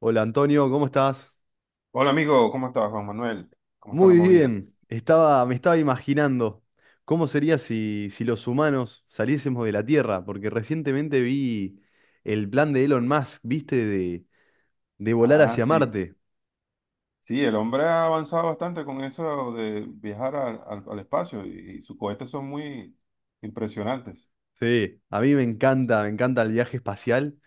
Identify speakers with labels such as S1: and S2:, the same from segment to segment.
S1: Hola Antonio, ¿cómo estás?
S2: Hola amigo, ¿cómo estás, Juan Manuel? ¿Cómo está la
S1: Muy
S2: movida?
S1: bien, me estaba imaginando cómo sería si los humanos saliésemos de la Tierra, porque recientemente vi el plan de Elon Musk, ¿viste? De volar
S2: Ah,
S1: hacia
S2: sí.
S1: Marte.
S2: Sí, el hombre ha avanzado bastante con eso de viajar al espacio y sus cohetes son muy impresionantes.
S1: Sí, a mí me encanta el viaje espacial,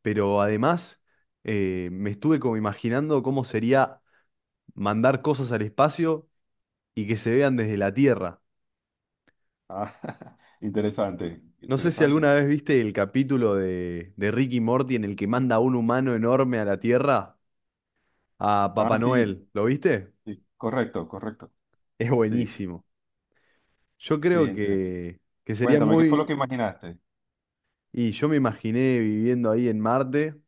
S1: pero además me estuve como imaginando cómo sería mandar cosas al espacio y que se vean desde la Tierra.
S2: Ah, interesante,
S1: No sé si
S2: interesante.
S1: alguna vez viste el capítulo de Rick y Morty en el que manda un humano enorme a la Tierra, a Papá
S2: Ah, sí,
S1: Noel. ¿Lo viste?
S2: sí, correcto, correcto.
S1: Es
S2: Sí,
S1: buenísimo. Yo
S2: sí.
S1: creo que sería
S2: Cuéntame, ¿qué fue lo que
S1: muy...
S2: imaginaste?
S1: Y yo me imaginé viviendo ahí en Marte,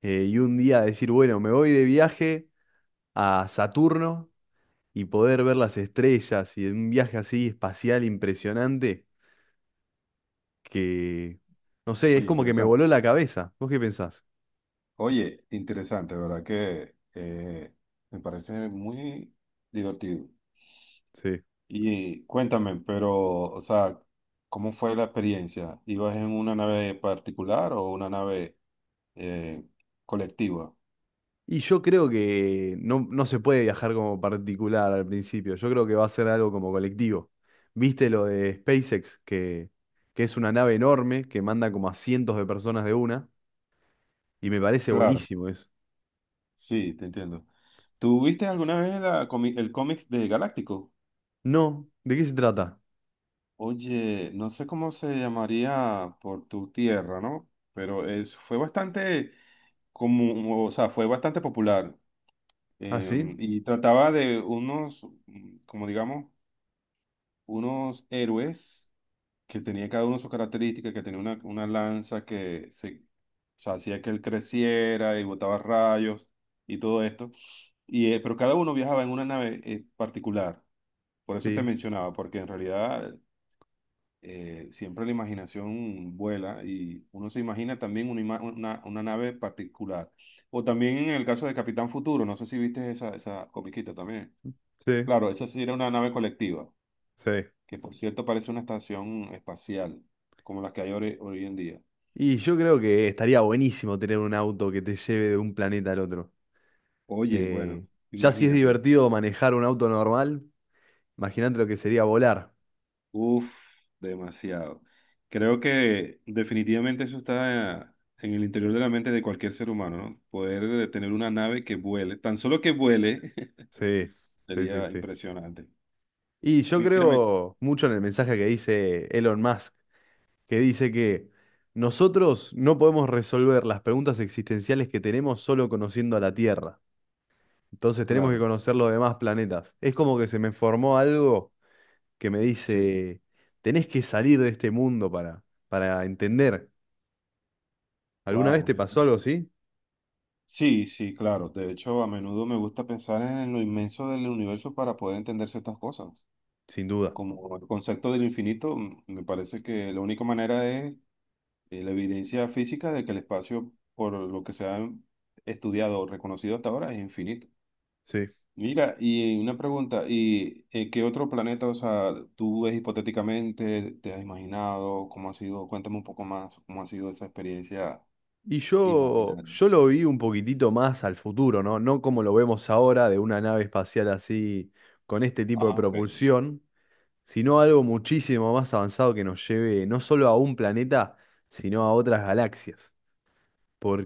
S1: y un día decir, bueno, me voy de viaje a Saturno y poder ver las estrellas y un viaje así espacial impresionante que, no sé, es
S2: Oye,
S1: como que me
S2: interesante.
S1: voló la cabeza. ¿Vos qué pensás?
S2: Oye, interesante, ¿verdad? Que Me parece muy divertido.
S1: Sí.
S2: Y cuéntame, pero, o sea, ¿cómo fue la experiencia? ¿Ibas en una nave particular o una nave eh, colectiva?
S1: Y yo creo que no se puede viajar como particular al principio. Yo creo que va a ser algo como colectivo. ¿Viste lo de SpaceX, que es una nave enorme que manda como a cientos de personas de una? Y me parece
S2: Claro,
S1: buenísimo eso.
S2: sí, te entiendo. ¿Tú viste alguna vez el cómic de Galáctico?
S1: No, ¿de qué se trata?
S2: Oye, no sé cómo se llamaría por tu tierra, ¿no? Pero es, fue bastante como, o sea, fue bastante popular.
S1: ¿Ah, sí?
S2: Y trataba de unos, como digamos, unos héroes que tenía cada uno sus características, que tenía una lanza que se, o sea, hacía que él creciera y botaba rayos y todo esto. Y, pero cada uno viajaba en una nave particular. Por eso te
S1: Sí,
S2: mencionaba, porque en realidad siempre la imaginación vuela y uno se imagina también una nave particular. O también en el caso de Capitán Futuro, no sé si viste esa comiquita también.
S1: sí,
S2: Claro, esa sí era una nave colectiva
S1: sí.
S2: que por cierto parece una estación espacial, como las que hay hoy en día.
S1: Y yo creo que estaría buenísimo tener un auto que te lleve de un planeta al otro.
S2: Oye, bueno,
S1: Eh, ya si es
S2: imagínate.
S1: divertido manejar un auto normal, imagínate lo que sería volar.
S2: Uf, demasiado. Creo que definitivamente eso está en el interior de la mente de cualquier ser humano, ¿no? Poder tener una nave que vuele, tan solo que vuele,
S1: Sí, sí, sí,
S2: sería
S1: sí.
S2: impresionante.
S1: Y yo
S2: Mírame,
S1: creo mucho en el mensaje que dice Elon Musk, que dice que nosotros no podemos resolver las preguntas existenciales que tenemos solo conociendo a la Tierra. Entonces tenemos que
S2: claro,
S1: conocer los demás planetas. Es como que se me formó algo que me
S2: sí.
S1: dice, tenés que salir de este mundo para entender. ¿Alguna vez
S2: Wow.
S1: te pasó algo así?
S2: Sí, sí, claro. De hecho, a menudo me gusta pensar en lo inmenso del universo para poder entender ciertas cosas.
S1: Sin duda.
S2: Como el concepto del infinito, me parece que la única manera es la evidencia física de que el espacio, por lo que se ha estudiado o reconocido hasta ahora, es infinito.
S1: Sí.
S2: Mira, y una pregunta, ¿y qué otro planeta, o sea, tú ves hipotéticamente, te has imaginado, cómo ha sido? Cuéntame un poco más, cómo ha sido esa experiencia
S1: Y
S2: imaginaria.
S1: yo lo vi un poquitito más al futuro, ¿no? No como lo vemos ahora de una nave espacial así con este tipo de
S2: Ah, ok,
S1: propulsión, sino algo muchísimo más avanzado que nos lleve no solo a un planeta, sino a otras galaxias.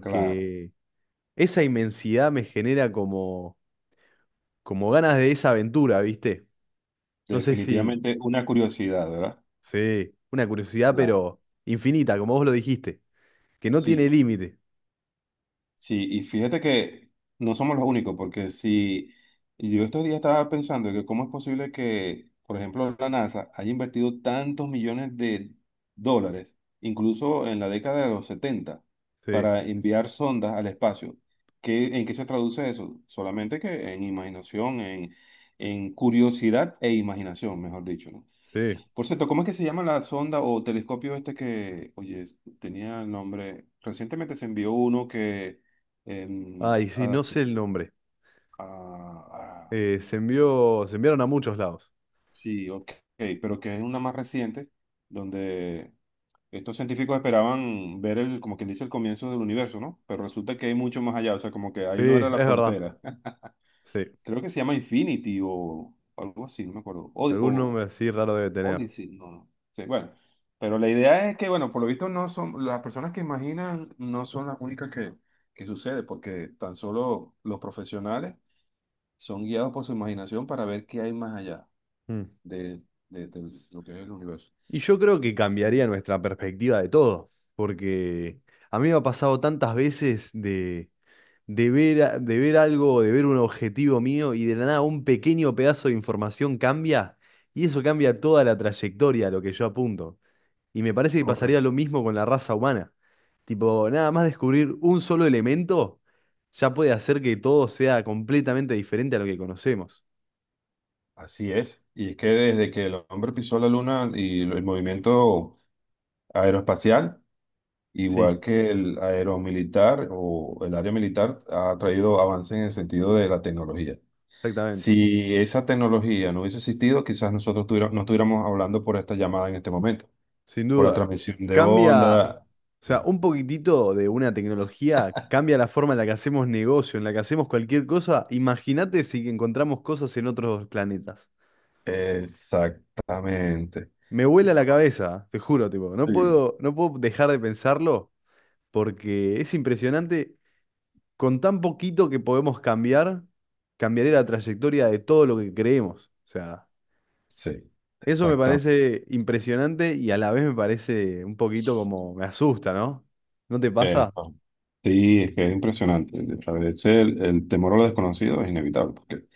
S2: claro.
S1: esa inmensidad me genera como, como ganas de esa aventura, ¿viste? No sé si,
S2: Definitivamente una curiosidad, ¿verdad?
S1: sí, una curiosidad,
S2: Claro,
S1: pero infinita, como vos lo dijiste, que no tiene
S2: sí.
S1: límite.
S2: Sí, y fíjate que no somos los únicos, porque si yo estos días estaba pensando que cómo es posible que, por ejemplo, la NASA haya invertido tantos millones de dólares, incluso en la década de los 70
S1: Sí,
S2: para enviar sondas al espacio. ¿Qué, en qué se traduce eso? Solamente que en imaginación, en curiosidad e imaginación, mejor dicho, ¿no?
S1: sí.
S2: Por cierto, ¿cómo es que se llama la sonda o telescopio este que, oye, tenía el nombre? Recientemente se envió uno que, em,
S1: Ay, sí,
S2: a-
S1: no sé el nombre.
S2: a- a-
S1: Se enviaron a muchos lados.
S2: sí, ok, pero que es una más reciente, donde estos científicos esperaban ver el, como quien dice, el comienzo del universo, ¿no? Pero resulta que hay mucho más allá, o sea, como que
S1: Sí,
S2: ahí no era
S1: es
S2: la
S1: verdad.
S2: frontera.
S1: Sí.
S2: Creo que se llama Infinity o algo así, no me acuerdo. O,
S1: Algún
S2: o
S1: nombre así raro debe tener.
S2: Odyssey, no, no. Sí, bueno, pero la idea es que, bueno, por lo visto no son, las personas que imaginan no son las únicas que sucede, porque tan solo los profesionales son guiados por su imaginación para ver qué hay más allá
S1: Mm.
S2: de, de lo que es el universo.
S1: Y yo creo que cambiaría nuestra perspectiva de todo, porque a mí me ha pasado tantas veces de ver algo, de ver un objetivo mío y de la nada un pequeño pedazo de información cambia y eso cambia toda la trayectoria a lo que yo apunto. Y me parece que pasaría
S2: Correcto.
S1: lo mismo con la raza humana. Tipo, nada más descubrir un solo elemento ya puede hacer que todo sea completamente diferente a lo que conocemos.
S2: Así es. Y es que desde que el hombre pisó la luna y el movimiento aeroespacial,
S1: Sí,
S2: igual que el aeromilitar o el área militar, ha traído avances en el sentido de la tecnología.
S1: exactamente.
S2: Si esa tecnología no hubiese existido, quizás no estuviéramos hablando por esta llamada en este momento,
S1: Sin
S2: por la
S1: duda.
S2: transmisión de
S1: Cambia, o
S2: onda. Sí.
S1: sea, un poquitito de una tecnología cambia la forma en la que hacemos negocio, en la que hacemos cualquier cosa. Imagínate si encontramos cosas en otros planetas.
S2: Exactamente.
S1: Me vuela la cabeza, te juro, tipo,
S2: Sí,
S1: no puedo dejar de pensarlo, porque es impresionante. Con tan poquito que podemos cambiar, cambiaré la trayectoria de todo lo que creemos. O sea,
S2: sí,
S1: eso me
S2: exacta.
S1: parece impresionante y a la vez me parece un poquito como me asusta, ¿no? ¿No te pasa?
S2: No. Sí, es que es impresionante. A veces el temor a lo desconocido es inevitable, porque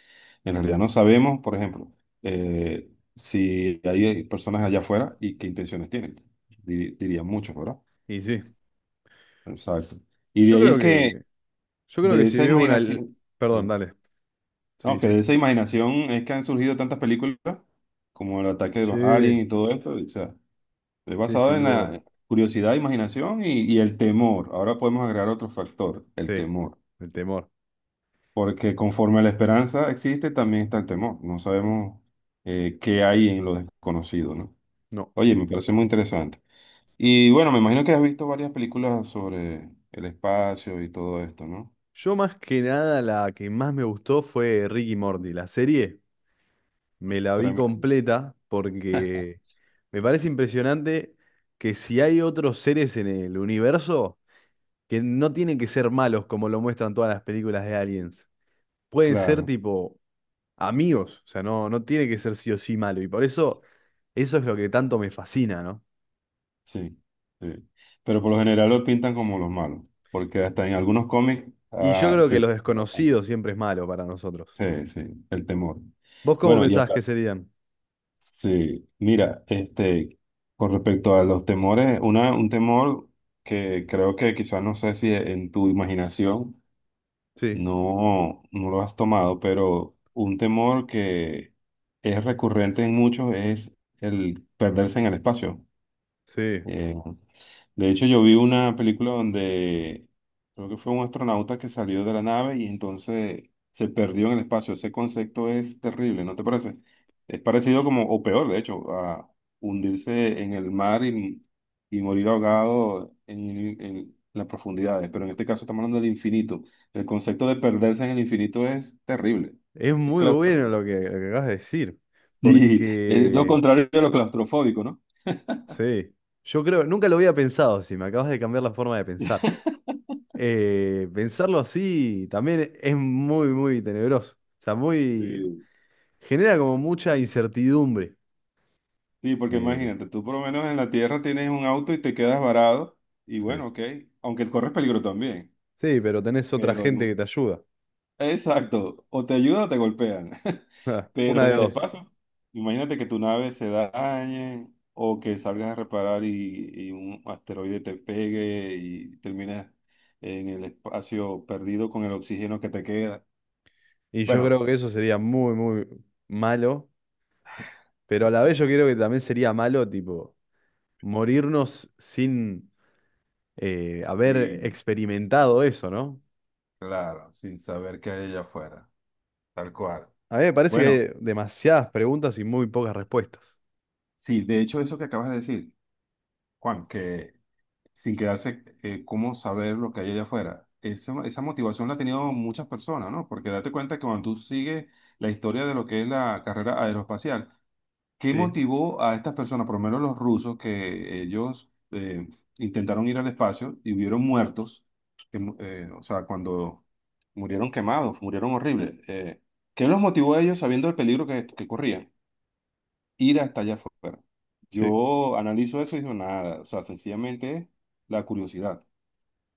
S2: en realidad no sabemos, por ejemplo, si hay personas allá afuera y qué intenciones tienen. Dirían muchos, ¿verdad?
S1: Y sí.
S2: Exacto. Y de
S1: Yo
S2: ahí
S1: creo
S2: es que
S1: que, yo creo que
S2: De
S1: si
S2: esa
S1: veo una... l-
S2: imaginación,
S1: Perdón,
S2: sí.
S1: dale. Sí,
S2: No, que de
S1: sí.
S2: esa imaginación es que han surgido tantas películas como El ataque de los
S1: Sí,
S2: aliens y todo esto. O sea, es
S1: sí,
S2: basado
S1: sin
S2: en
S1: duda.
S2: la curiosidad, imaginación y el temor. Ahora podemos agregar otro factor, el
S1: Sí,
S2: temor.
S1: el temor.
S2: Porque conforme la esperanza existe, también está el temor. No sabemos qué hay en lo desconocido, ¿no?
S1: No.
S2: Oye, me parece muy interesante. Y bueno, me imagino que has visto varias películas sobre el espacio y todo esto, ¿no?
S1: Yo más que nada la que más me gustó fue Ricky Morty, la serie. Me la vi
S2: Tremendo.
S1: completa porque me parece impresionante que si hay otros seres en el universo que no tienen que ser malos como lo muestran todas las películas de aliens. Pueden ser
S2: Claro.
S1: tipo amigos, o sea, no tiene que ser sí o sí malo. Y por eso eso es lo que tanto me fascina, ¿no?
S2: Sí, sí. Pero por lo general lo pintan como los malos, porque hasta en algunos cómics
S1: Y yo creo que
S2: se...
S1: los
S2: se basan.
S1: desconocidos siempre es malo para nosotros.
S2: Sí, sí, el temor.
S1: ¿Vos cómo
S2: Bueno, y
S1: pensás que
S2: habla,
S1: serían?
S2: sí, mira, este, con respecto a los temores, un temor que creo que quizás no sé si en tu imaginación
S1: Sí,
S2: no lo has tomado, pero un temor que es recurrente en muchos es el perderse en el espacio.
S1: sí.
S2: eh, De hecho, yo vi una película donde creo que fue un astronauta que salió de la nave y entonces se perdió en el espacio. Ese concepto es terrible, ¿no te parece? Es parecido como, o peor, de hecho, a hundirse en el mar y morir ahogado en las profundidades. Pero en este caso estamos hablando del infinito. El concepto de perderse en el infinito es terrible.
S1: Es
S2: Es
S1: muy bueno
S2: claustro.
S1: lo que acabas de decir,
S2: Sí, es lo
S1: porque...
S2: contrario de lo claustrofóbico, ¿no?
S1: Sí, yo creo, nunca lo había pensado, si me acabas de cambiar la forma de pensar. Pensarlo así también es muy tenebroso. O sea, muy, genera como mucha
S2: Sí.
S1: incertidumbre.
S2: Sí, porque
S1: Eh,
S2: imagínate, tú por lo menos en la tierra tienes un auto y te quedas varado y
S1: sí.
S2: bueno, ok, aunque corres peligro también,
S1: Sí, pero tenés otra
S2: pero
S1: gente que
S2: en-
S1: te ayuda.
S2: exacto, o te ayuda o te golpean,
S1: Una
S2: pero en
S1: de
S2: el
S1: dos.
S2: espacio, imagínate que tu nave se dañe o que salgas a reparar y un asteroide te pegue y terminas en el espacio perdido con el oxígeno que te queda.
S1: Y yo
S2: Bueno,
S1: creo que eso sería muy malo, pero a la vez yo creo que también sería malo, tipo, morirnos sin haber
S2: sí,
S1: experimentado eso, ¿no?
S2: claro, sin saber qué hay allá afuera, tal cual.
S1: A mí me parece que
S2: Bueno,
S1: hay demasiadas preguntas y muy pocas respuestas.
S2: sí, de hecho eso que acabas de decir. Juan, que sin quedarse, ¿cómo saber lo que hay allá afuera? Esa motivación la han tenido muchas personas, ¿no? Porque date cuenta que cuando tú sigues la historia de lo que es la carrera aeroespacial, ¿qué
S1: Sí,
S2: motivó a estas personas, por lo menos los rusos, que ellos intentaron ir al espacio y hubieron muertos? O sea, cuando murieron quemados, murieron horribles. ¿Qué los motivó a ellos sabiendo el peligro que corrían? Ir hasta allá afuera.
S1: sí.
S2: Yo analizo eso y digo nada, o sea, sencillamente es la curiosidad,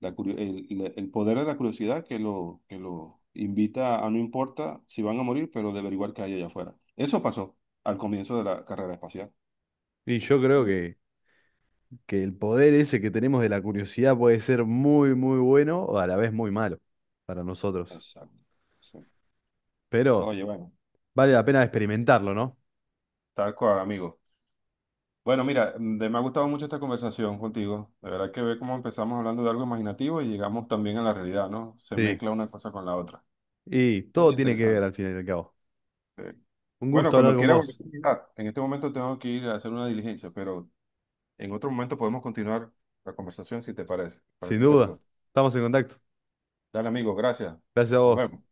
S2: la curio- el poder de la curiosidad que lo invita a no importa si van a morir, pero de averiguar qué hay allá afuera. Eso pasó al comienzo de la carrera espacial.
S1: Y yo creo que el poder ese que tenemos de la curiosidad puede ser muy, muy bueno o a la vez muy malo para nosotros.
S2: Exacto. Sí.
S1: Pero
S2: Oye, bueno,
S1: vale
S2: sí,
S1: la pena experimentarlo, ¿no?
S2: tal cual, amigo. Bueno, mira, me ha gustado mucho esta conversación contigo. De verdad que ve cómo empezamos hablando de algo imaginativo y llegamos también a la realidad, ¿no? Se
S1: Sí.
S2: mezcla una cosa con la otra.
S1: Y
S2: Oye,
S1: todo tiene que ver
S2: interesante.
S1: al final y al cabo.
S2: Sí.
S1: Un
S2: Bueno,
S1: gusto hablar
S2: cuando
S1: con
S2: quiera volver
S1: vos,
S2: a hablar. En este momento tengo que ir a hacer una diligencia, pero en otro momento podemos continuar la conversación si te parece.
S1: sin
S2: Parece
S1: duda.
S2: interesante.
S1: Estamos en contacto.
S2: Dale, amigo, gracias.
S1: Gracias a
S2: Nos
S1: vos.
S2: vemos.